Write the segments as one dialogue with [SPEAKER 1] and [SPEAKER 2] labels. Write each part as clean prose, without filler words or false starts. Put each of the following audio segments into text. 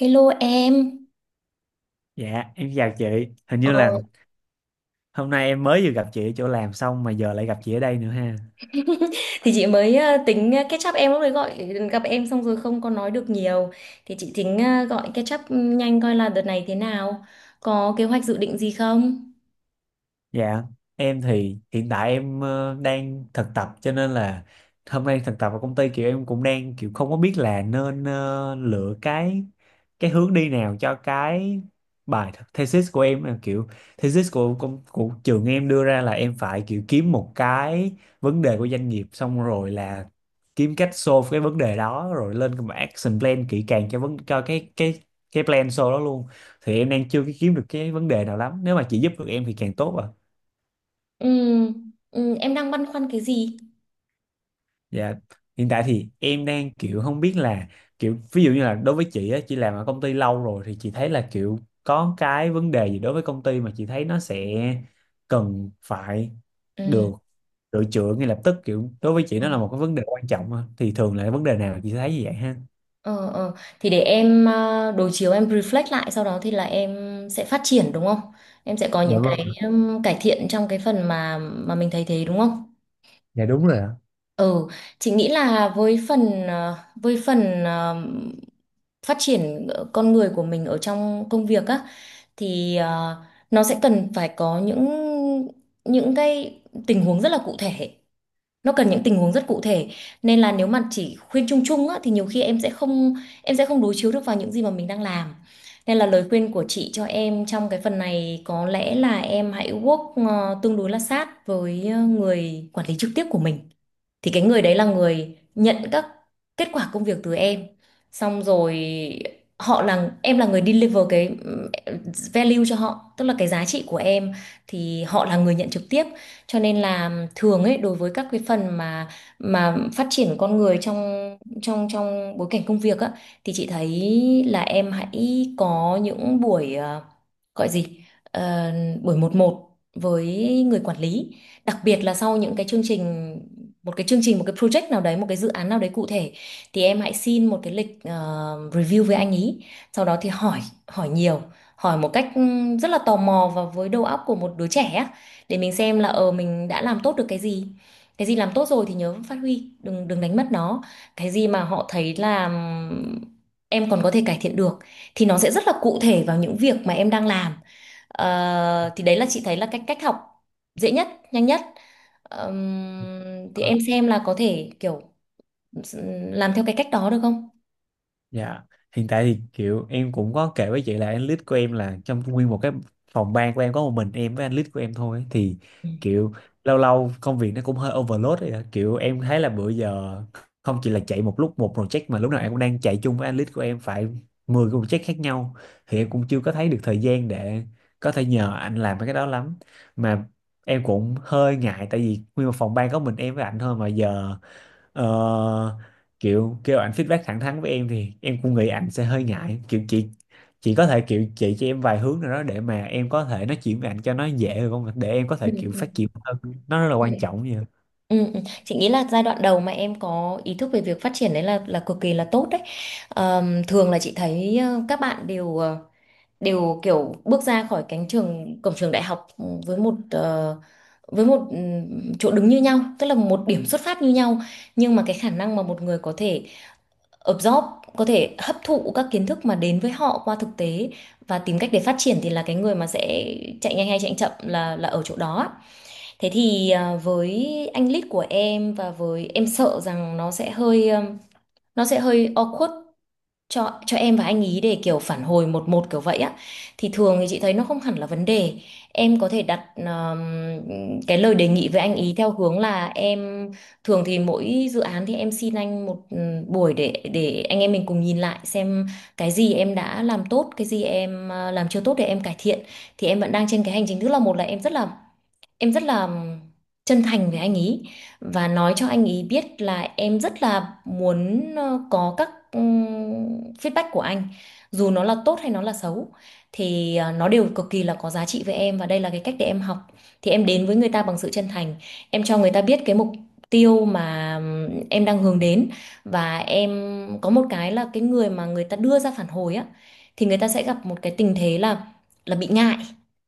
[SPEAKER 1] Hello em.
[SPEAKER 2] Dạ, em chào chị. Hình
[SPEAKER 1] Ờ,
[SPEAKER 2] như là hôm nay em mới vừa gặp chị ở chỗ làm xong mà giờ lại gặp chị ở đây nữa ha.
[SPEAKER 1] thì chị mới tính catch up em lúc đấy gọi gặp em xong rồi không có nói được nhiều, thì chị tính gọi catch up nhanh coi là đợt này thế nào, có kế hoạch dự định gì không?
[SPEAKER 2] Dạ, em thì hiện tại em đang thực tập cho nên là hôm nay thực tập ở công ty, kiểu em cũng đang kiểu không có biết là nên lựa cái hướng đi nào cho cái bài thesis của em. Em kiểu thesis của trường em đưa ra là em phải kiểu kiếm một cái vấn đề của doanh nghiệp, xong rồi là kiếm cách solve cái vấn đề đó, rồi lên cái action plan kỹ càng cho vấn cho cái plan solve đó luôn. Thì em đang chưa kiếm được cái vấn đề nào lắm, nếu mà chị giúp được em thì càng tốt ạ.
[SPEAKER 1] Ừ, ừ, em đang băn khoăn cái gì?
[SPEAKER 2] Dạ, hiện tại thì em đang kiểu không biết là kiểu ví dụ như là đối với chị á, chị làm ở công ty lâu rồi thì chị thấy là kiểu có cái vấn đề gì đối với công ty mà chị thấy nó sẽ cần phải được
[SPEAKER 1] Ừ.
[SPEAKER 2] sửa chữa ngay lập tức, kiểu đối với chị nó là một cái vấn đề quan trọng á. Thì thường là vấn đề nào chị thấy như vậy ha?
[SPEAKER 1] Ờ, ờ. Thì để em đối chiếu, em reflect lại, sau đó thì là em sẽ phát triển đúng không? Em sẽ có
[SPEAKER 2] Dạ
[SPEAKER 1] những
[SPEAKER 2] vâng,
[SPEAKER 1] cái cải thiện trong cái phần mà mình thấy thế đúng không?
[SPEAKER 2] dạ đúng rồi ạ.
[SPEAKER 1] Ừ, chị nghĩ là với phần với phần phát triển con người của mình ở trong công việc á, thì nó sẽ cần phải có những những tình huống rất là cụ thể. Nó cần những tình huống rất cụ thể. Nên là nếu mà chỉ khuyên chung chung á thì nhiều khi em sẽ không đối chiếu được vào những gì mà mình đang làm. Nên là lời khuyên của chị cho em trong cái phần này có lẽ là em hãy work tương đối là sát với người quản lý trực tiếp của mình, thì cái người đấy là người nhận các kết quả công việc từ em, xong rồi họ là em là người deliver cái value cho họ, tức là cái giá trị của em thì họ là người nhận trực tiếp. Cho nên là thường ấy, đối với các cái phần mà phát triển con người trong trong trong bối cảnh công việc á, thì chị thấy là em hãy có những buổi gọi gì Ờ, buổi một một với người quản lý, đặc biệt là sau những cái chương trình, một cái chương trình, một cái project nào đấy, một cái dự án nào đấy cụ thể, thì em hãy xin một cái lịch review với anh ý, sau đó thì hỏi, hỏi nhiều, hỏi một cách rất là tò mò và với đầu óc của một đứa trẻ á, để mình xem là ờ mình đã làm tốt được cái gì, cái gì làm tốt rồi thì nhớ phát huy, đừng đừng đánh mất nó, cái gì mà họ thấy là em còn có thể cải thiện được thì nó sẽ rất là cụ thể vào những việc mà em đang làm. Ờ, thì đấy là chị thấy là cách, cách học dễ nhất, nhanh nhất. Thì em xem là có thể kiểu làm theo cái cách đó được không?
[SPEAKER 2] Dạ, hiện tại thì kiểu em cũng có kể với chị là anh lead của em, là trong nguyên một cái phòng ban của em có một mình em với anh lead của em thôi ấy. Thì
[SPEAKER 1] Ừ.
[SPEAKER 2] kiểu lâu lâu công việc nó cũng hơi overload ấy ạ. Kiểu em thấy là bữa giờ không chỉ là chạy một lúc một project mà lúc nào em cũng đang chạy chung với anh lead của em phải 10 cái project khác nhau. Thì em cũng chưa có thấy được thời gian để có thể nhờ anh làm mấy cái đó lắm, mà em cũng hơi ngại tại vì nguyên một phòng ban có mình em với anh thôi mà giờ Ờ, kiểu kêu ảnh feedback thẳng thắn với em thì em cũng nghĩ ảnh sẽ hơi ngại. Kiểu chị có thể kiểu chỉ cho em vài hướng nào đó để mà em có thể nói chuyện với ảnh cho nó dễ được không, để em có
[SPEAKER 1] Ừ,
[SPEAKER 2] thể kiểu
[SPEAKER 1] ừ,
[SPEAKER 2] phát triển hơn, nó rất là
[SPEAKER 1] ừ.
[SPEAKER 2] quan trọng vậy.
[SPEAKER 1] Ừ, ừ. Chị nghĩ là giai đoạn đầu mà em có ý thức về việc phát triển đấy là cực kỳ là tốt đấy. Thường là chị thấy ờ, các bạn đều đều kiểu bước ra khỏi cánh trường, cổng trường đại học ừ, với một với một chỗ đứng như nhau, tức là một điểm xuất phát như nhau, nhưng mà cái khả năng mà một người có thể absorb, có thể hấp thụ các kiến thức mà đến với họ qua thực tế và tìm cách để phát triển thì là cái người mà sẽ chạy nhanh hay chạy chậm là ở chỗ đó ạ. Thế thì à, với anh lead của em và với em, sợ rằng nó sẽ hơi awkward cho em và anh ý để kiểu phản hồi một một kiểu vậy á, thì thường thì chị thấy nó không hẳn là vấn đề. Em có thể đặt cái lời đề nghị với anh ý theo hướng là em thường thì mỗi dự án thì em xin anh một buổi để anh em mình cùng nhìn lại xem cái gì em đã làm tốt, cái gì em làm chưa tốt để em cải thiện. Thì em vẫn đang trên cái hành trình, tức là một là em rất là em rất là chân thành với anh ý và nói cho anh ý biết là em rất là muốn có các feedback của anh, dù nó là tốt hay nó là xấu thì nó đều cực kỳ là có giá trị với em và đây là cái cách để em học. Thì em đến với người ta bằng sự chân thành, em cho người ta biết cái mục tiêu mà em đang hướng đến, và em có một cái là cái người mà người ta đưa ra phản hồi á thì người ta sẽ gặp một cái tình thế là bị ngại,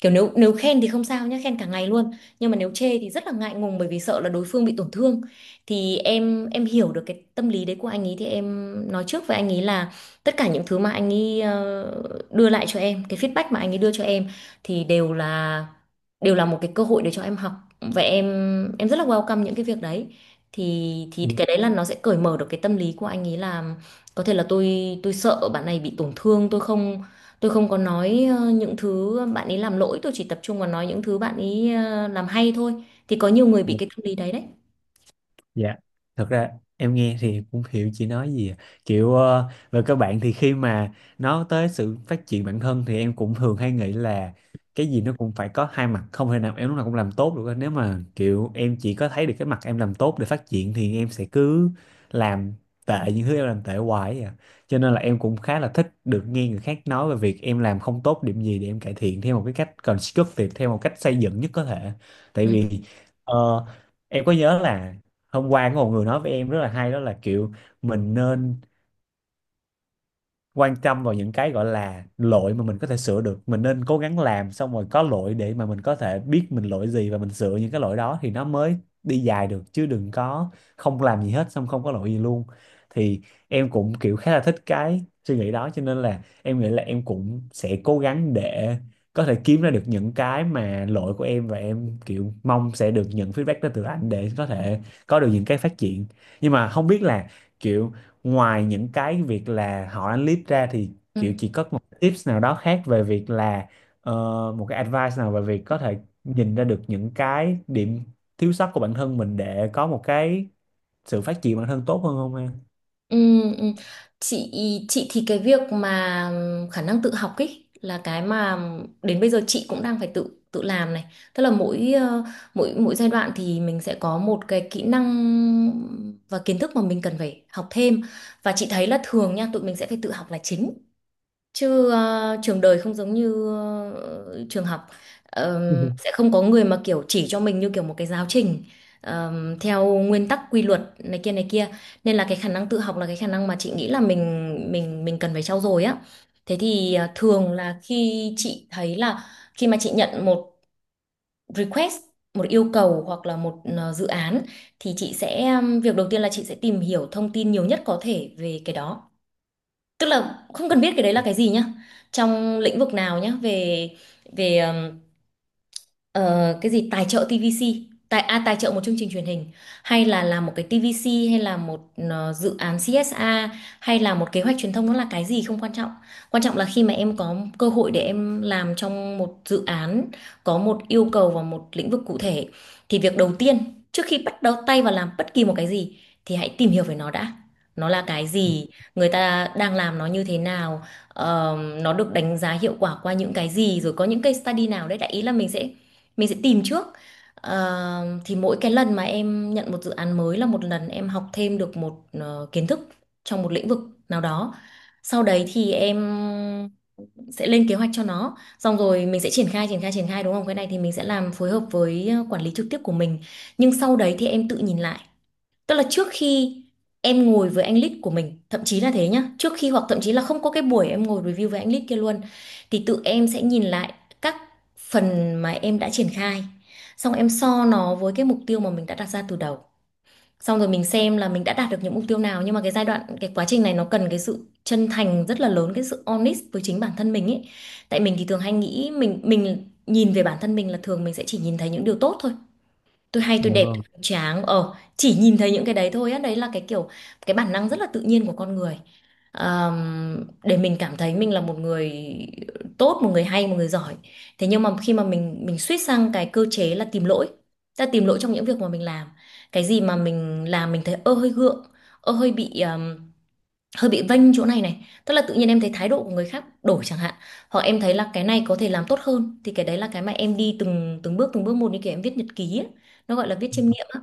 [SPEAKER 1] kiểu nếu nếu khen thì không sao nhá, khen cả ngày luôn, nhưng mà nếu chê thì rất là ngại ngùng bởi vì sợ là đối phương bị tổn thương. Thì em hiểu được cái tâm lý đấy của anh ấy, thì em nói trước với anh ấy là tất cả những thứ mà anh ấy đưa lại cho em, cái feedback mà anh ấy đưa cho em thì đều là một cái cơ hội để cho em học và em rất là welcome những cái việc đấy. Thì cái đấy là nó sẽ cởi mở được cái tâm lý của anh ấy là có thể là tôi sợ bạn này bị tổn thương, tôi không, tôi không có nói những thứ bạn ấy làm lỗi, tôi chỉ tập trung vào nói những thứ bạn ấy làm hay thôi. Thì có nhiều người bị
[SPEAKER 2] Dạ.
[SPEAKER 1] cái tâm lý đấy đấy.
[SPEAKER 2] Dạ, thật ra em nghe thì cũng hiểu chị nói gì à. Kiểu về các bạn thì khi mà nói tới sự phát triển bản thân thì em cũng thường hay nghĩ là cái gì nó cũng phải có hai mặt, không thể nào em lúc nào cũng làm tốt được. Nếu mà kiểu em chỉ có thấy được cái mặt em làm tốt để phát triển thì em sẽ cứ làm tệ những thứ em làm tệ hoài ấy à. Cho nên là em cũng khá là thích được nghe người khác nói về việc em làm không tốt điểm gì để em cải thiện theo một cái cách constructive, theo một cách xây dựng nhất có thể. Tại
[SPEAKER 1] Ừ.
[SPEAKER 2] vì ờ, Em có nhớ là hôm qua có một người nói với em rất là hay, đó là kiểu mình nên quan tâm vào những cái gọi là lỗi mà mình có thể sửa được, mình nên cố gắng làm xong rồi có lỗi để mà mình có thể biết mình lỗi gì và mình sửa những cái lỗi đó thì nó mới đi dài được, chứ đừng có không làm gì hết xong không có lỗi gì luôn. Thì em cũng kiểu khá là thích cái suy nghĩ đó, cho nên là em nghĩ là em cũng sẽ cố gắng để có thể kiếm ra được những cái mà lỗi của em, và em kiểu mong sẽ được nhận feedback đó từ anh để có thể có được những cái phát triển. Nhưng mà không biết là, kiểu ngoài những cái việc là họ ăn lead ra thì
[SPEAKER 1] Ừ.
[SPEAKER 2] kiểu chị có một tips nào đó khác về việc là ờ, một cái advice nào về việc có thể nhìn ra được những cái điểm thiếu sót của bản thân mình để có một cái sự phát triển bản thân tốt hơn không em?
[SPEAKER 1] Ừ. Ừ. Chị chị thì cái việc mà khả năng tự học ấy là cái mà đến bây giờ chị cũng đang phải tự tự làm này. Tức là mỗi mỗi mỗi giai đoạn thì mình sẽ có một cái kỹ năng và kiến thức mà mình cần phải học thêm, và chị thấy là thường nha tụi mình sẽ phải tự học là chính, chứ trường đời không giống như trường học. Sẽ không có người mà kiểu chỉ cho mình như kiểu một cái giáo trình, theo nguyên tắc quy luật này kia này kia, nên là cái khả năng tự học là cái khả năng mà chị nghĩ là mình cần phải trau dồi á. Thế thì ờ, thường là khi chị thấy là khi mà chị nhận một request, một yêu cầu hoặc là một dự án, thì chị sẽ việc đầu tiên là chị sẽ tìm hiểu thông tin nhiều nhất có thể về cái đó, tức là không cần biết cái đấy là cái gì nhá, trong lĩnh vực nào nhá, về về ờ, cái gì tài trợ TVC, tài à, tài trợ một chương trình truyền hình, hay là làm một cái TVC, hay là một dự án CSA, hay là một kế hoạch truyền thông, nó là cái gì không quan trọng. Quan trọng là khi mà em có cơ hội để em làm trong một dự án, có một yêu cầu vào một lĩnh vực cụ thể, thì việc đầu tiên trước khi bắt đầu tay vào làm bất kỳ một cái gì thì hãy tìm hiểu về nó đã, nó là cái gì, người ta đang làm nó như thế nào. Ờ, nó được đánh giá hiệu quả qua những cái gì, rồi có những case study nào đấy, đại ý là mình sẽ tìm trước. Ờ, thì mỗi cái lần mà em nhận một dự án mới là một lần em học thêm được một kiến thức trong một lĩnh vực nào đó. Sau đấy thì em sẽ lên kế hoạch cho nó, xong rồi mình sẽ triển khai đúng không, cái này thì mình sẽ làm phối hợp với quản lý trực tiếp của mình, nhưng sau đấy thì em tự nhìn lại. Tức là trước khi em ngồi với anh lead của mình, thậm chí là thế nhá, trước khi hoặc thậm chí là không có cái buổi em ngồi review với anh lead kia luôn, thì tự em sẽ nhìn lại các phần mà em đã triển khai. Xong em so nó với cái mục tiêu mà mình đã đặt ra từ đầu. Xong rồi mình xem là mình đã đạt được những mục tiêu nào, nhưng mà cái giai đoạn, cái quá trình này nó cần cái sự chân thành rất là lớn, cái sự honest với chính bản thân mình ấy. Tại mình thì thường hay nghĩ mình nhìn về bản thân mình là thường mình sẽ chỉ nhìn thấy những điều tốt thôi, tôi hay, tôi
[SPEAKER 2] Dạ
[SPEAKER 1] đẹp, tôi
[SPEAKER 2] vâng.
[SPEAKER 1] cường tráng, ờ chỉ nhìn thấy những cái đấy thôi á, đấy là cái kiểu cái bản năng rất là tự nhiên của con người. Để mình cảm thấy mình là một người tốt, một người hay, một người giỏi. Thế nhưng mà khi mà mình switch sang cái cơ chế là tìm lỗi, ta tìm lỗi trong những việc mà mình làm, cái gì mà mình làm mình thấy ơ hơi gượng, ơ hơi bị, hơi bị vênh chỗ này này, tức là tự nhiên em thấy thái độ của người khác đổi chẳng hạn, hoặc em thấy là cái này có thể làm tốt hơn, thì cái đấy là cái mà em đi từng từng bước một như kiểu em viết nhật ký ấy. Nó gọi là viết chiêm nghiệm á.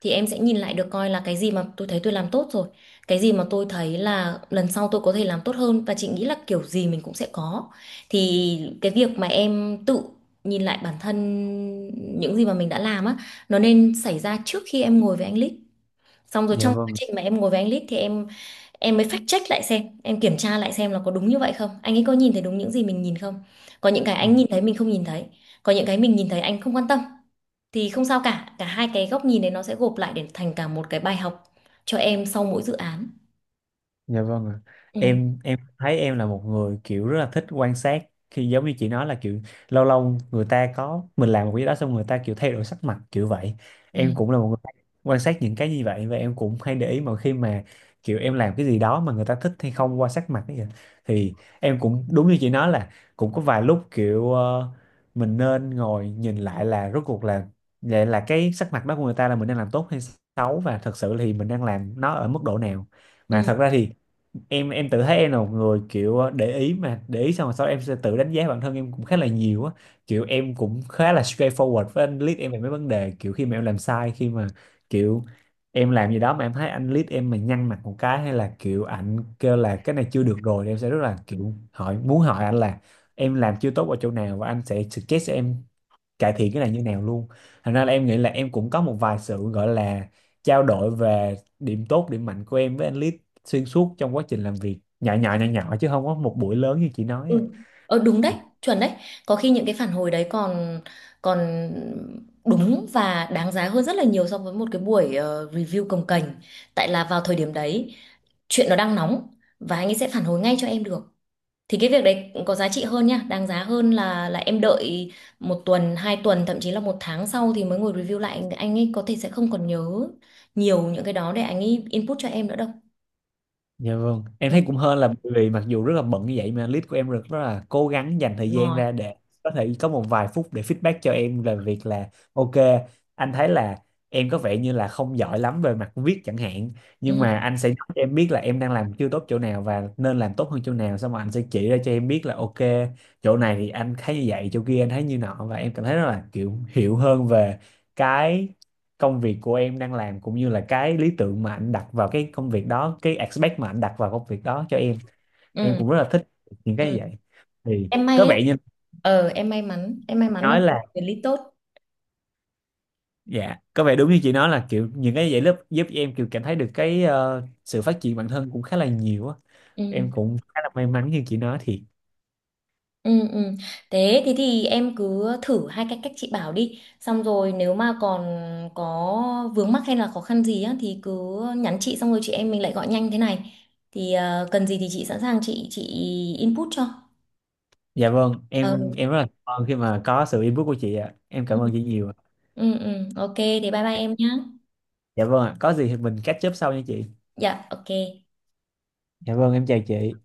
[SPEAKER 1] Thì em sẽ nhìn lại được coi là cái gì mà tôi thấy tôi làm tốt rồi, cái gì mà tôi thấy là lần sau tôi có thể làm tốt hơn, và chị nghĩ là kiểu gì mình cũng sẽ có. Thì cái việc mà em tự nhìn lại bản thân những gì mà mình đã làm á, nó nên xảy ra trước khi em ngồi với anh Lít. Xong rồi
[SPEAKER 2] Dạ
[SPEAKER 1] trong quá
[SPEAKER 2] vâng.
[SPEAKER 1] trình mà em ngồi với anh Lít thì em mới fact check lại xem, em kiểm tra lại xem là có đúng như vậy không, anh ấy có nhìn thấy đúng những gì mình nhìn không, có những cái anh nhìn thấy mình không nhìn thấy, có những cái mình nhìn thấy anh không quan tâm, thì không sao cả, cả hai cái góc nhìn đấy nó sẽ gộp lại để thành cả một cái bài học cho em sau mỗi dự án.
[SPEAKER 2] Dạ vâng ạ.
[SPEAKER 1] Ừ,
[SPEAKER 2] Em thấy em là một người kiểu rất là thích quan sát, khi giống như chị nói là kiểu lâu lâu người ta có mình làm một cái gì đó xong người ta kiểu thay đổi sắc mặt kiểu vậy.
[SPEAKER 1] ừ,
[SPEAKER 2] Em cũng là một người quan sát những cái như vậy, và em cũng hay để ý mọi khi mà kiểu em làm cái gì đó mà người ta thích hay không qua sắc mặt ấy kìa. Thì em cũng đúng như chị nói là cũng có vài lúc kiểu mình nên ngồi nhìn lại là rốt cuộc là vậy, là cái sắc mặt đó của người ta là mình đang làm tốt hay xấu, và thật sự thì mình đang làm nó ở mức độ nào. Mà
[SPEAKER 1] ừ,
[SPEAKER 2] thật ra thì em tự thấy em là một người kiểu để ý, mà để ý xong rồi sau đó em sẽ tự đánh giá bản thân em cũng khá là nhiều á. Kiểu em cũng khá là straightforward với anh lead em về mấy vấn đề, kiểu khi mà em làm sai, khi mà kiểu em làm gì đó mà em thấy anh lead em mà nhăn mặt một cái, hay là kiểu ảnh kêu là cái này chưa được rồi thì em sẽ rất là kiểu hỏi, muốn hỏi anh là em làm chưa tốt ở chỗ nào và anh sẽ suggest cho em cải thiện cái này như nào luôn. Thành ra là em nghĩ là em cũng có một vài sự gọi là trao đổi về điểm tốt, điểm mạnh của em với anh Lít xuyên suốt trong quá trình làm việc, nhỏ nhỏ nhỏ nhỏ chứ không có một buổi lớn như chị nói
[SPEAKER 1] ừ,
[SPEAKER 2] à.
[SPEAKER 1] ờ đúng đấy, chuẩn đấy, có khi những cái phản hồi đấy còn còn đúng và đáng giá hơn rất là nhiều so với một cái buổi review cồng kềnh, tại là vào thời điểm đấy chuyện nó đang nóng và anh ấy sẽ phản hồi ngay cho em được, thì cái việc đấy có giá trị hơn nha, đáng giá hơn là em đợi một tuần, hai tuần, thậm chí là một tháng sau thì mới ngồi review lại, anh ấy có thể sẽ không còn nhớ nhiều những cái đó để anh ấy input cho em nữa đâu.
[SPEAKER 2] Dạ vâng, em
[SPEAKER 1] Ừ,
[SPEAKER 2] thấy cũng hên là bởi vì mặc dù rất là bận như vậy mà lead của em rất rất là cố gắng dành thời
[SPEAKER 1] đúng.
[SPEAKER 2] gian ra để có thể có một vài phút để feedback cho em về việc là ok, anh thấy là em có vẻ như là không giỏi lắm về mặt viết chẳng hạn, nhưng
[SPEAKER 1] Ừ,
[SPEAKER 2] mà anh sẽ nói cho em biết là em đang làm chưa tốt chỗ nào và nên làm tốt hơn chỗ nào, xong rồi anh sẽ chỉ ra cho em biết là ok, chỗ này thì anh thấy như vậy, chỗ kia anh thấy như nọ, và em cảm thấy rất là kiểu hiểu hơn về cái công việc của em đang làm, cũng như là cái lý tưởng mà anh đặt vào cái công việc đó, cái expect mà anh đặt vào công việc đó cho em. Em
[SPEAKER 1] ừ,
[SPEAKER 2] cũng rất là thích những cái như
[SPEAKER 1] ừ.
[SPEAKER 2] vậy. Thì
[SPEAKER 1] Em
[SPEAKER 2] có
[SPEAKER 1] may đó,
[SPEAKER 2] vẻ như
[SPEAKER 1] ờ em may mắn, em may
[SPEAKER 2] chị
[SPEAKER 1] mắn và
[SPEAKER 2] nói là,
[SPEAKER 1] quản lý tốt.
[SPEAKER 2] dạ có vẻ đúng như chị nói là kiểu những cái vậy lớp giúp em kiểu cảm thấy được cái sự phát triển bản thân cũng khá là nhiều á.
[SPEAKER 1] Ừ.
[SPEAKER 2] Em cũng khá là may mắn như chị nói thiệt.
[SPEAKER 1] Ừ, ừ. Thế thì em cứ thử hai cái cách chị bảo đi, xong rồi nếu mà còn có vướng mắc hay là khó khăn gì á thì cứ nhắn chị, xong rồi chị em mình lại gọi nhanh thế này, thì cần gì thì chị sẵn sàng, chị input cho.
[SPEAKER 2] Dạ vâng,
[SPEAKER 1] Ờ,
[SPEAKER 2] em rất là cảm ơn khi mà có sự input của chị ạ, em
[SPEAKER 1] ừ.
[SPEAKER 2] cảm ơn chị nhiều ạ.
[SPEAKER 1] Ừ, ừ. Ok thế bye bye em nhé.
[SPEAKER 2] Dạ vâng ạ, có gì thì mình catch up sau nha chị.
[SPEAKER 1] Dạ ok.
[SPEAKER 2] Dạ vâng, em chào chị.